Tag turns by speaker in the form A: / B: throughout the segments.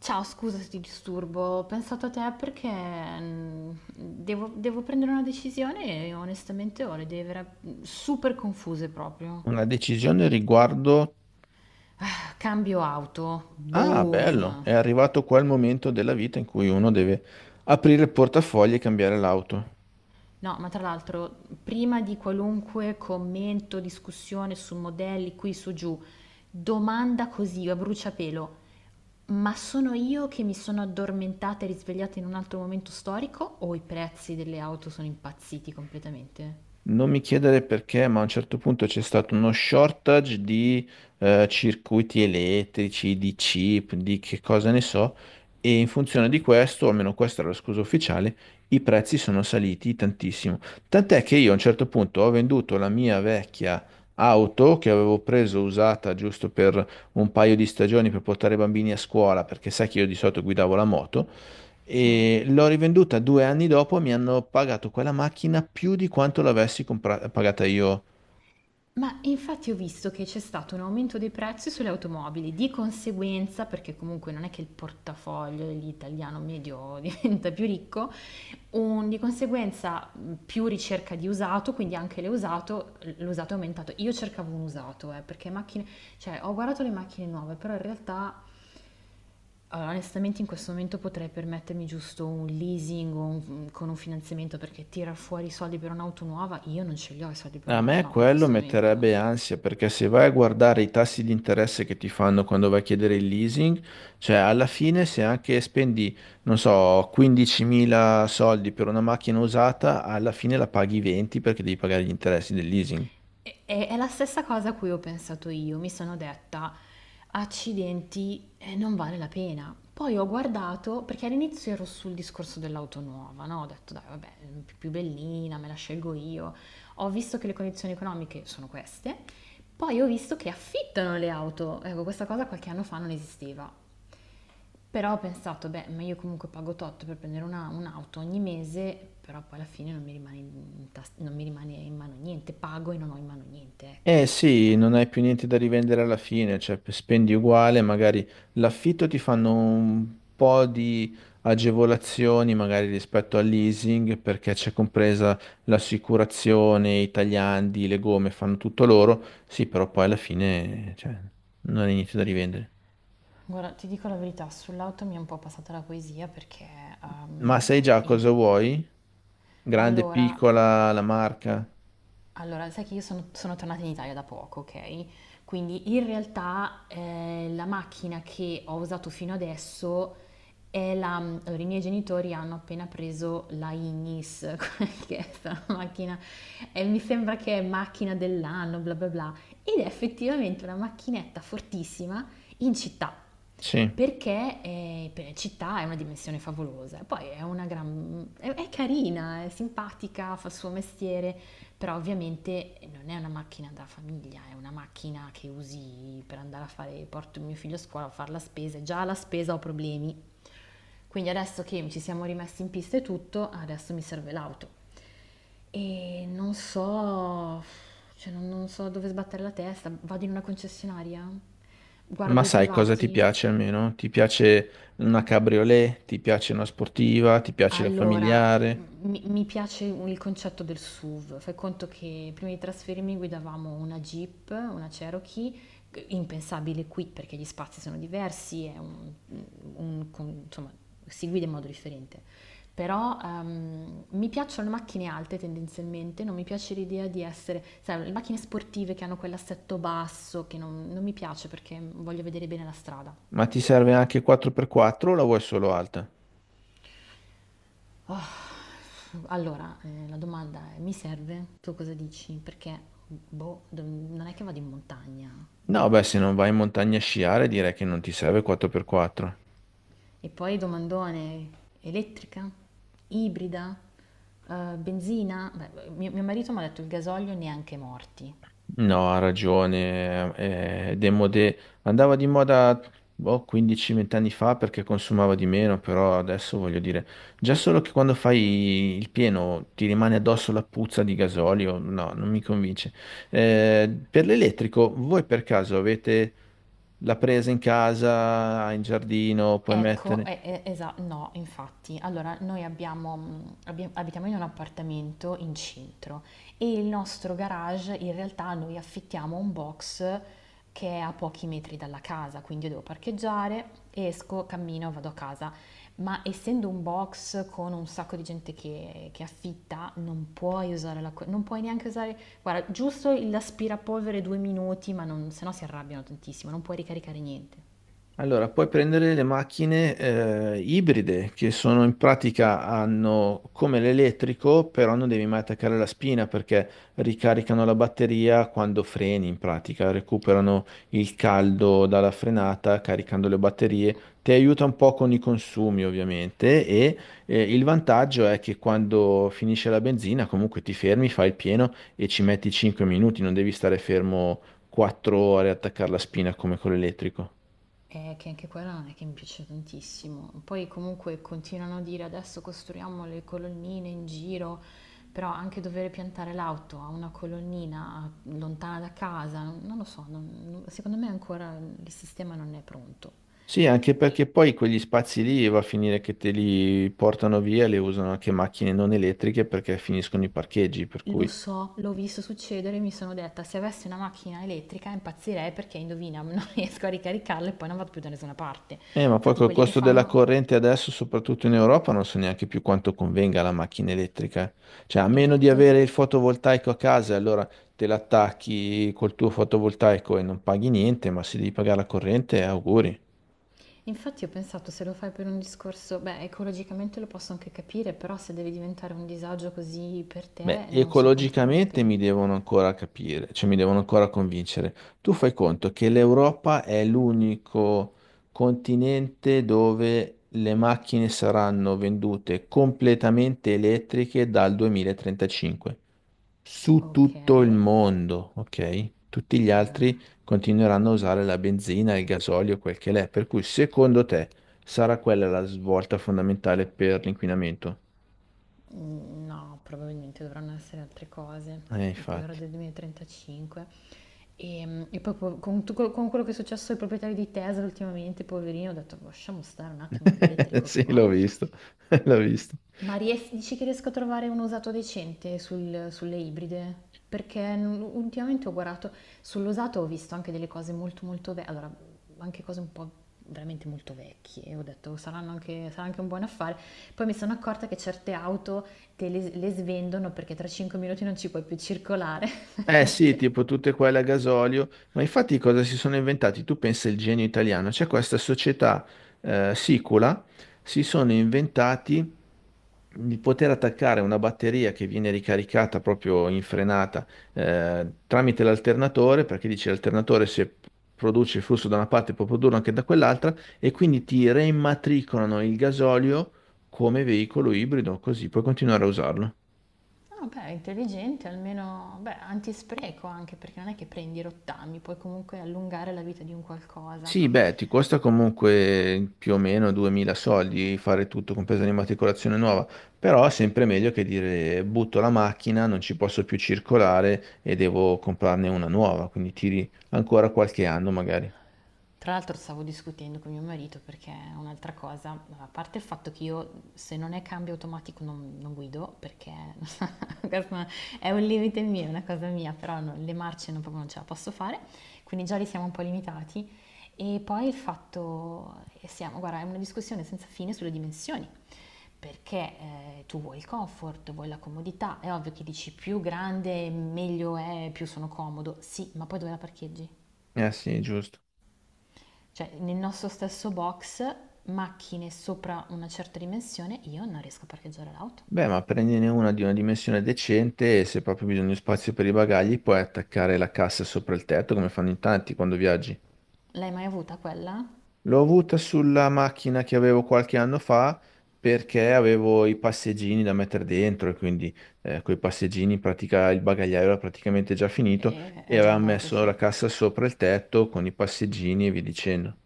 A: Ciao, scusa se ti disturbo, ho pensato a te perché devo prendere una decisione e onestamente ho le idee super confuse proprio.
B: Una decisione riguardo...
A: Cambio auto,
B: Ah, bello,
A: boom.
B: è arrivato qua il momento della vita in cui uno deve aprire il portafoglio e cambiare l'auto.
A: No, ma tra l'altro, prima di qualunque commento, discussione su modelli qui su giù, domanda così a bruciapelo, ma sono io che mi sono addormentata e risvegliata in un altro momento storico o i prezzi delle auto sono impazziti completamente?
B: Non mi chiedere perché, ma a un certo punto c'è stato uno shortage di circuiti elettrici, di chip, di che cosa ne so, e in funzione di questo, o almeno questa era la scusa ufficiale, i prezzi sono saliti tantissimo. Tant'è che io a un certo punto ho venduto la mia vecchia auto che avevo preso usata giusto per un paio di stagioni per portare i bambini a scuola, perché sai che io di solito guidavo la moto,
A: Sì.
B: e l'ho rivenduta due anni dopo, mi hanno pagato quella macchina più di quanto pagata io.
A: Ma infatti ho visto che c'è stato un aumento dei prezzi sulle automobili, di conseguenza, perché comunque non è che il portafoglio dell'italiano medio diventa più ricco, di conseguenza più ricerca di usato, quindi anche l'usato è aumentato. Io cercavo un usato, perché macchine, cioè ho guardato le macchine nuove, però in realtà allora, onestamente in questo momento potrei permettermi giusto un leasing o con un finanziamento, perché tirar fuori i soldi per un'auto nuova, io non ce li ho i soldi per
B: A
A: un'auto
B: me
A: nuova in
B: quello
A: questo momento.
B: metterebbe ansia, perché se vai a guardare i tassi di interesse che ti fanno quando vai a chiedere il leasing, cioè alla fine se anche spendi, non so, 15.000 soldi per una macchina usata, alla fine la paghi 20 perché devi pagare gli interessi del leasing.
A: È la stessa cosa a cui ho pensato io, mi sono detta, accidenti, non vale la pena. Poi ho guardato, perché all'inizio ero sul discorso dell'auto nuova, no? Ho detto, dai, vabbè, più bellina, me la scelgo io. Ho visto che le condizioni economiche sono queste, poi ho visto che affittano le auto. Ecco, questa cosa qualche anno fa non esisteva. Però ho pensato, beh, ma io comunque pago tot per prendere un'auto ogni mese, però poi alla fine non mi rimane non mi rimane in mano niente, pago e non ho in mano niente,
B: Eh
A: ecco, ce
B: sì,
A: l'ha.
B: non hai più niente da rivendere alla fine, cioè spendi uguale, magari l'affitto ti fanno un po' di agevolazioni, magari rispetto al leasing, perché c'è compresa l'assicurazione, i tagliandi, le gomme, fanno tutto loro. Sì, però poi alla fine, cioè, non hai niente da rivendere.
A: Guarda, ti dico la verità, sull'auto mi è un po' passata la poesia perché. ehm,
B: Ma sai già cosa
A: il-
B: vuoi? Grande,
A: Allora,
B: piccola, la marca?
A: Sai che io sono tornata in Italia da poco, ok? Quindi in realtà la macchina che ho usato fino adesso è la. Allora, i miei genitori hanno appena preso la Ignis, quella che è questa macchina, e mi sembra che è macchina dell'anno, bla bla bla, ed è effettivamente una macchinetta fortissima in città,
B: Sì.
A: perché città è una dimensione favolosa, poi è carina, è simpatica, fa il suo mestiere, però ovviamente non è una macchina da famiglia, è una macchina che usi per andare a fare, porto mio figlio a scuola, a fare la spesa, e già alla spesa ho problemi, quindi adesso che ci siamo rimessi in pista e tutto, adesso mi serve l'auto. E non so, cioè non so dove sbattere la testa, vado in una concessionaria,
B: Ma
A: guardo i
B: sai cosa ti
A: privati.
B: piace almeno? Ti piace una cabriolet, ti piace una sportiva, ti piace la
A: Allora,
B: familiare,
A: mi piace il concetto del SUV. Fai conto che prima di trasferirmi guidavamo una Jeep, una Cherokee, impensabile qui perché gli spazi sono diversi, è insomma, si guida in modo differente. Però mi piacciono le macchine alte tendenzialmente, non mi piace l'idea di essere, sai, le macchine sportive che hanno quell'assetto basso, che non mi piace perché voglio vedere bene la strada.
B: ma ti serve anche 4x4 o la vuoi solo alta?
A: Allora, la domanda è, mi serve? Tu cosa dici? Perché, boh, non è che vado in montagna.
B: No, beh, se non vai in montagna a sciare direi che non ti serve 4x4.
A: E poi domandone, elettrica? Ibrida? Benzina? Beh, mio marito mi ha detto il gasolio neanche morti.
B: No, ha ragione. Demodè andava di moda boh, 15-20 anni fa perché consumava di meno, però adesso voglio dire, già solo che quando fai il pieno ti rimane addosso la puzza di gasolio, no, non mi convince. Per l'elettrico, voi per caso avete la presa in casa, in giardino, puoi
A: Ecco,
B: mettere?
A: e- esa no, infatti. Allora, noi abbiamo, abbiam abitiamo in un appartamento in centro e il nostro garage, in realtà, noi affittiamo un box che è a pochi metri dalla casa, quindi io devo parcheggiare, esco, cammino, vado a casa. Ma essendo un box con un sacco di gente che affitta, non puoi usare l'acqua, non puoi neanche usare, guarda, giusto l'aspirapolvere 2 minuti, ma non, se no si arrabbiano tantissimo, non puoi ricaricare niente.
B: Allora, puoi prendere le macchine ibride che sono in pratica hanno come l'elettrico, però non devi mai attaccare la spina perché ricaricano la batteria quando freni in pratica, recuperano il caldo dalla frenata caricando le batterie. Ti aiuta un po' con i consumi ovviamente e il vantaggio è che quando finisce la benzina comunque ti fermi, fai il pieno e ci metti 5 minuti, non devi stare fermo 4 ore a attaccare la spina come con l'elettrico.
A: Che anche quella non è che mi piace tantissimo. Poi comunque continuano a dire adesso costruiamo le colonnine in giro, però anche dover piantare l'auto a una colonnina lontana da casa, non lo so, secondo me ancora il sistema non è pronto.
B: Sì, anche perché poi quegli spazi lì va a finire che te li portano via, le usano anche macchine non elettriche perché finiscono i parcheggi, per
A: Lo
B: cui...
A: so, l'ho visto succedere e mi sono detta, se avessi una macchina elettrica impazzirei perché indovina, non riesco a ricaricarla e poi non vado più da nessuna parte.
B: Ma poi
A: Infatti
B: col
A: quelli che
B: costo della
A: fanno.
B: corrente adesso, soprattutto in Europa, non so neanche più quanto convenga la macchina elettrica. Cioè, a meno di
A: Esatto.
B: avere il fotovoltaico a casa, allora te l'attacchi col tuo fotovoltaico e non paghi niente, ma se devi pagare la corrente, auguri.
A: Infatti ho pensato, se lo fai per un discorso, beh, ecologicamente lo posso anche capire, però se deve diventare un disagio così per
B: Beh,
A: te, non so quanto vale la
B: ecologicamente
A: pena.
B: mi devono ancora capire, cioè mi devono ancora convincere. Tu fai conto che l'Europa è l'unico continente dove le macchine saranno vendute completamente elettriche dal 2035, su
A: Ok,
B: tutto il mondo, ok? Tutti gli altri continueranno a usare la benzina, il gasolio, quel che l'è. Per cui, secondo te, sarà quella la svolta fondamentale per l'inquinamento?
A: No, probabilmente dovranno essere altre cose. Poi ora
B: Infatti.
A: del 2035. E poi con quello che è successo ai proprietari di Tesla ultimamente, poverino, ho detto, "Boh, lasciamo stare un attimo l'elettrico, che
B: Sì,
A: qua."
B: l'ho visto, l'ho visto.
A: Dici che riesco a trovare un usato decente sulle ibride? Perché ultimamente ho guardato sull'usato, ho visto anche delle cose molto molto vecchie, allora anche cose un po' veramente molto vecchie, ho detto saranno anche, sarà anche un buon affare. Poi mi sono accorta che certe auto te le svendono perché tra 5 minuti non ci puoi più circolare.
B: Eh sì,
A: Che-
B: tipo tutte quelle a gasolio, ma infatti cosa si sono inventati? Tu pensa il genio italiano, c'è questa società Sicula, si sono inventati di poter attaccare una batteria che viene ricaricata proprio in frenata tramite l'alternatore, perché dice l'alternatore se produce il flusso da una parte può produrlo anche da quell'altra, e quindi ti reimmatricolano il gasolio come veicolo ibrido, così puoi continuare a usarlo.
A: No, beh, intelligente, almeno, beh, antispreco, anche perché non è che prendi i rottami, puoi comunque allungare la vita di un qualcosa.
B: Sì, beh, ti costa comunque più o meno 2000 soldi fare tutto, compresa l'immatricolazione nuova, però è sempre meglio che dire butto la macchina, non ci posso più circolare e devo comprarne una nuova, quindi tiri ancora qualche anno magari.
A: Tra l'altro stavo discutendo con mio marito, perché è un'altra cosa, a parte il fatto che io, se non è cambio automatico, non guido, perché questo è un limite mio, è una cosa mia, però no, le marce non, proprio non ce la posso fare, quindi già li siamo un po' limitati, e poi il fatto, e siamo, guarda, è una discussione senza fine sulle dimensioni, perché tu vuoi il comfort, vuoi la comodità, è ovvio che dici più grande meglio è, più sono comodo, sì, ma poi dove la parcheggi?
B: Eh sì, giusto.
A: Cioè, nel nostro stesso box, macchine sopra una certa dimensione, io non riesco a parcheggiare l'auto.
B: Beh, ma prendine una di una dimensione decente e se proprio bisogna di spazio per i bagagli puoi attaccare la cassa sopra il tetto come fanno in tanti quando viaggi.
A: L'hai mai avuta quella?
B: L'ho avuta sulla macchina che avevo qualche anno fa perché avevo i passeggini da mettere dentro e quindi coi passeggini in pratica il bagagliaio era praticamente già finito e
A: È già
B: avevamo
A: andato,
B: messo
A: sì.
B: la cassa sopra il tetto con i passeggini e via dicendo.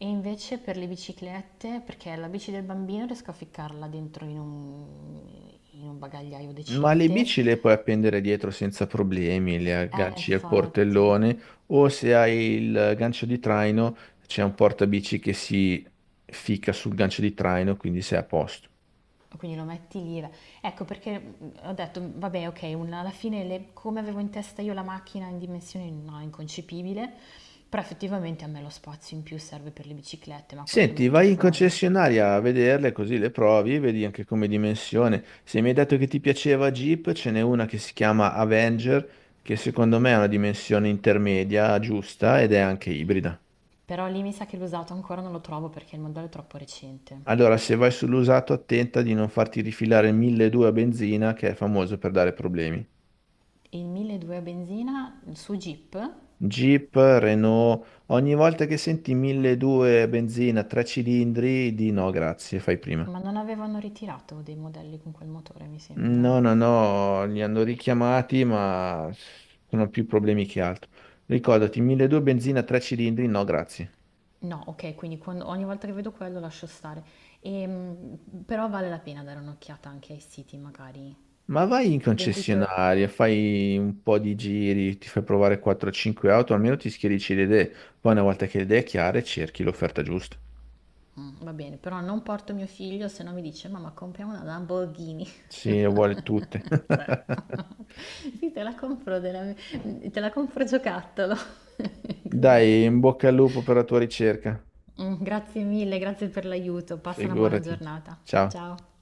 A: E invece per le biciclette, perché la bici del bambino riesco a ficcarla dentro in un bagagliaio
B: Ma le
A: decente.
B: bici le puoi appendere dietro senza problemi, le agganci al
A: Infatti.
B: portellone o se hai il gancio di traino c'è un portabici che si ficca sul gancio di traino, quindi sei a posto.
A: Quindi lo metti lì. Ecco perché ho detto, vabbè, ok, alla fine come avevo in testa io la macchina in dimensioni, no, inconcepibile, però effettivamente a me lo spazio in più serve per le biciclette, ma quelle le
B: Senti,
A: metto
B: vai in
A: fuori.
B: concessionaria a vederle così le provi, vedi anche come dimensione. Se mi hai detto che ti piaceva Jeep, ce n'è una che si chiama Avenger, che secondo me è una dimensione intermedia giusta ed è anche ibrida.
A: Però lì mi sa che l'usato ancora non lo trovo perché il modello è troppo recente.
B: Allora, se vai sull'usato, attenta di non farti rifilare il 1200 a benzina, che è famoso per dare problemi.
A: Il 1200 a benzina su Jeep,
B: Jeep, Renault, ogni volta che senti 1200 a benzina, tre cilindri, di no, grazie, fai prima.
A: ma non avevano ritirato dei modelli con quel motore, mi sembra.
B: No, no, no, li hanno richiamati, ma sono più problemi che altro. Ricordati, 1200 benzina, tre cilindri, no, grazie.
A: No, ok, quindi ogni volta che vedo quello lascio stare. Ehm, però vale la pena dare un'occhiata anche ai siti magari.
B: Ma vai in
A: Venditori?
B: concessionaria, fai un po' di giri, ti fai provare 4-5 auto, almeno ti schiarisci le idee. Poi una volta che le idee è chiare, cerchi l'offerta giusta.
A: Mm, va bene, però non porto mio figlio, se no mi dice mamma compriamo una Lamborghini.
B: Sì, le vuole tutte.
A: Certo, sì, te la compro, te la compro giocattolo. Così.
B: Dai, in bocca al lupo per la tua ricerca.
A: Mm, grazie mille, grazie per l'aiuto, passa una buona
B: Figurati.
A: giornata.
B: Ciao.
A: Ciao.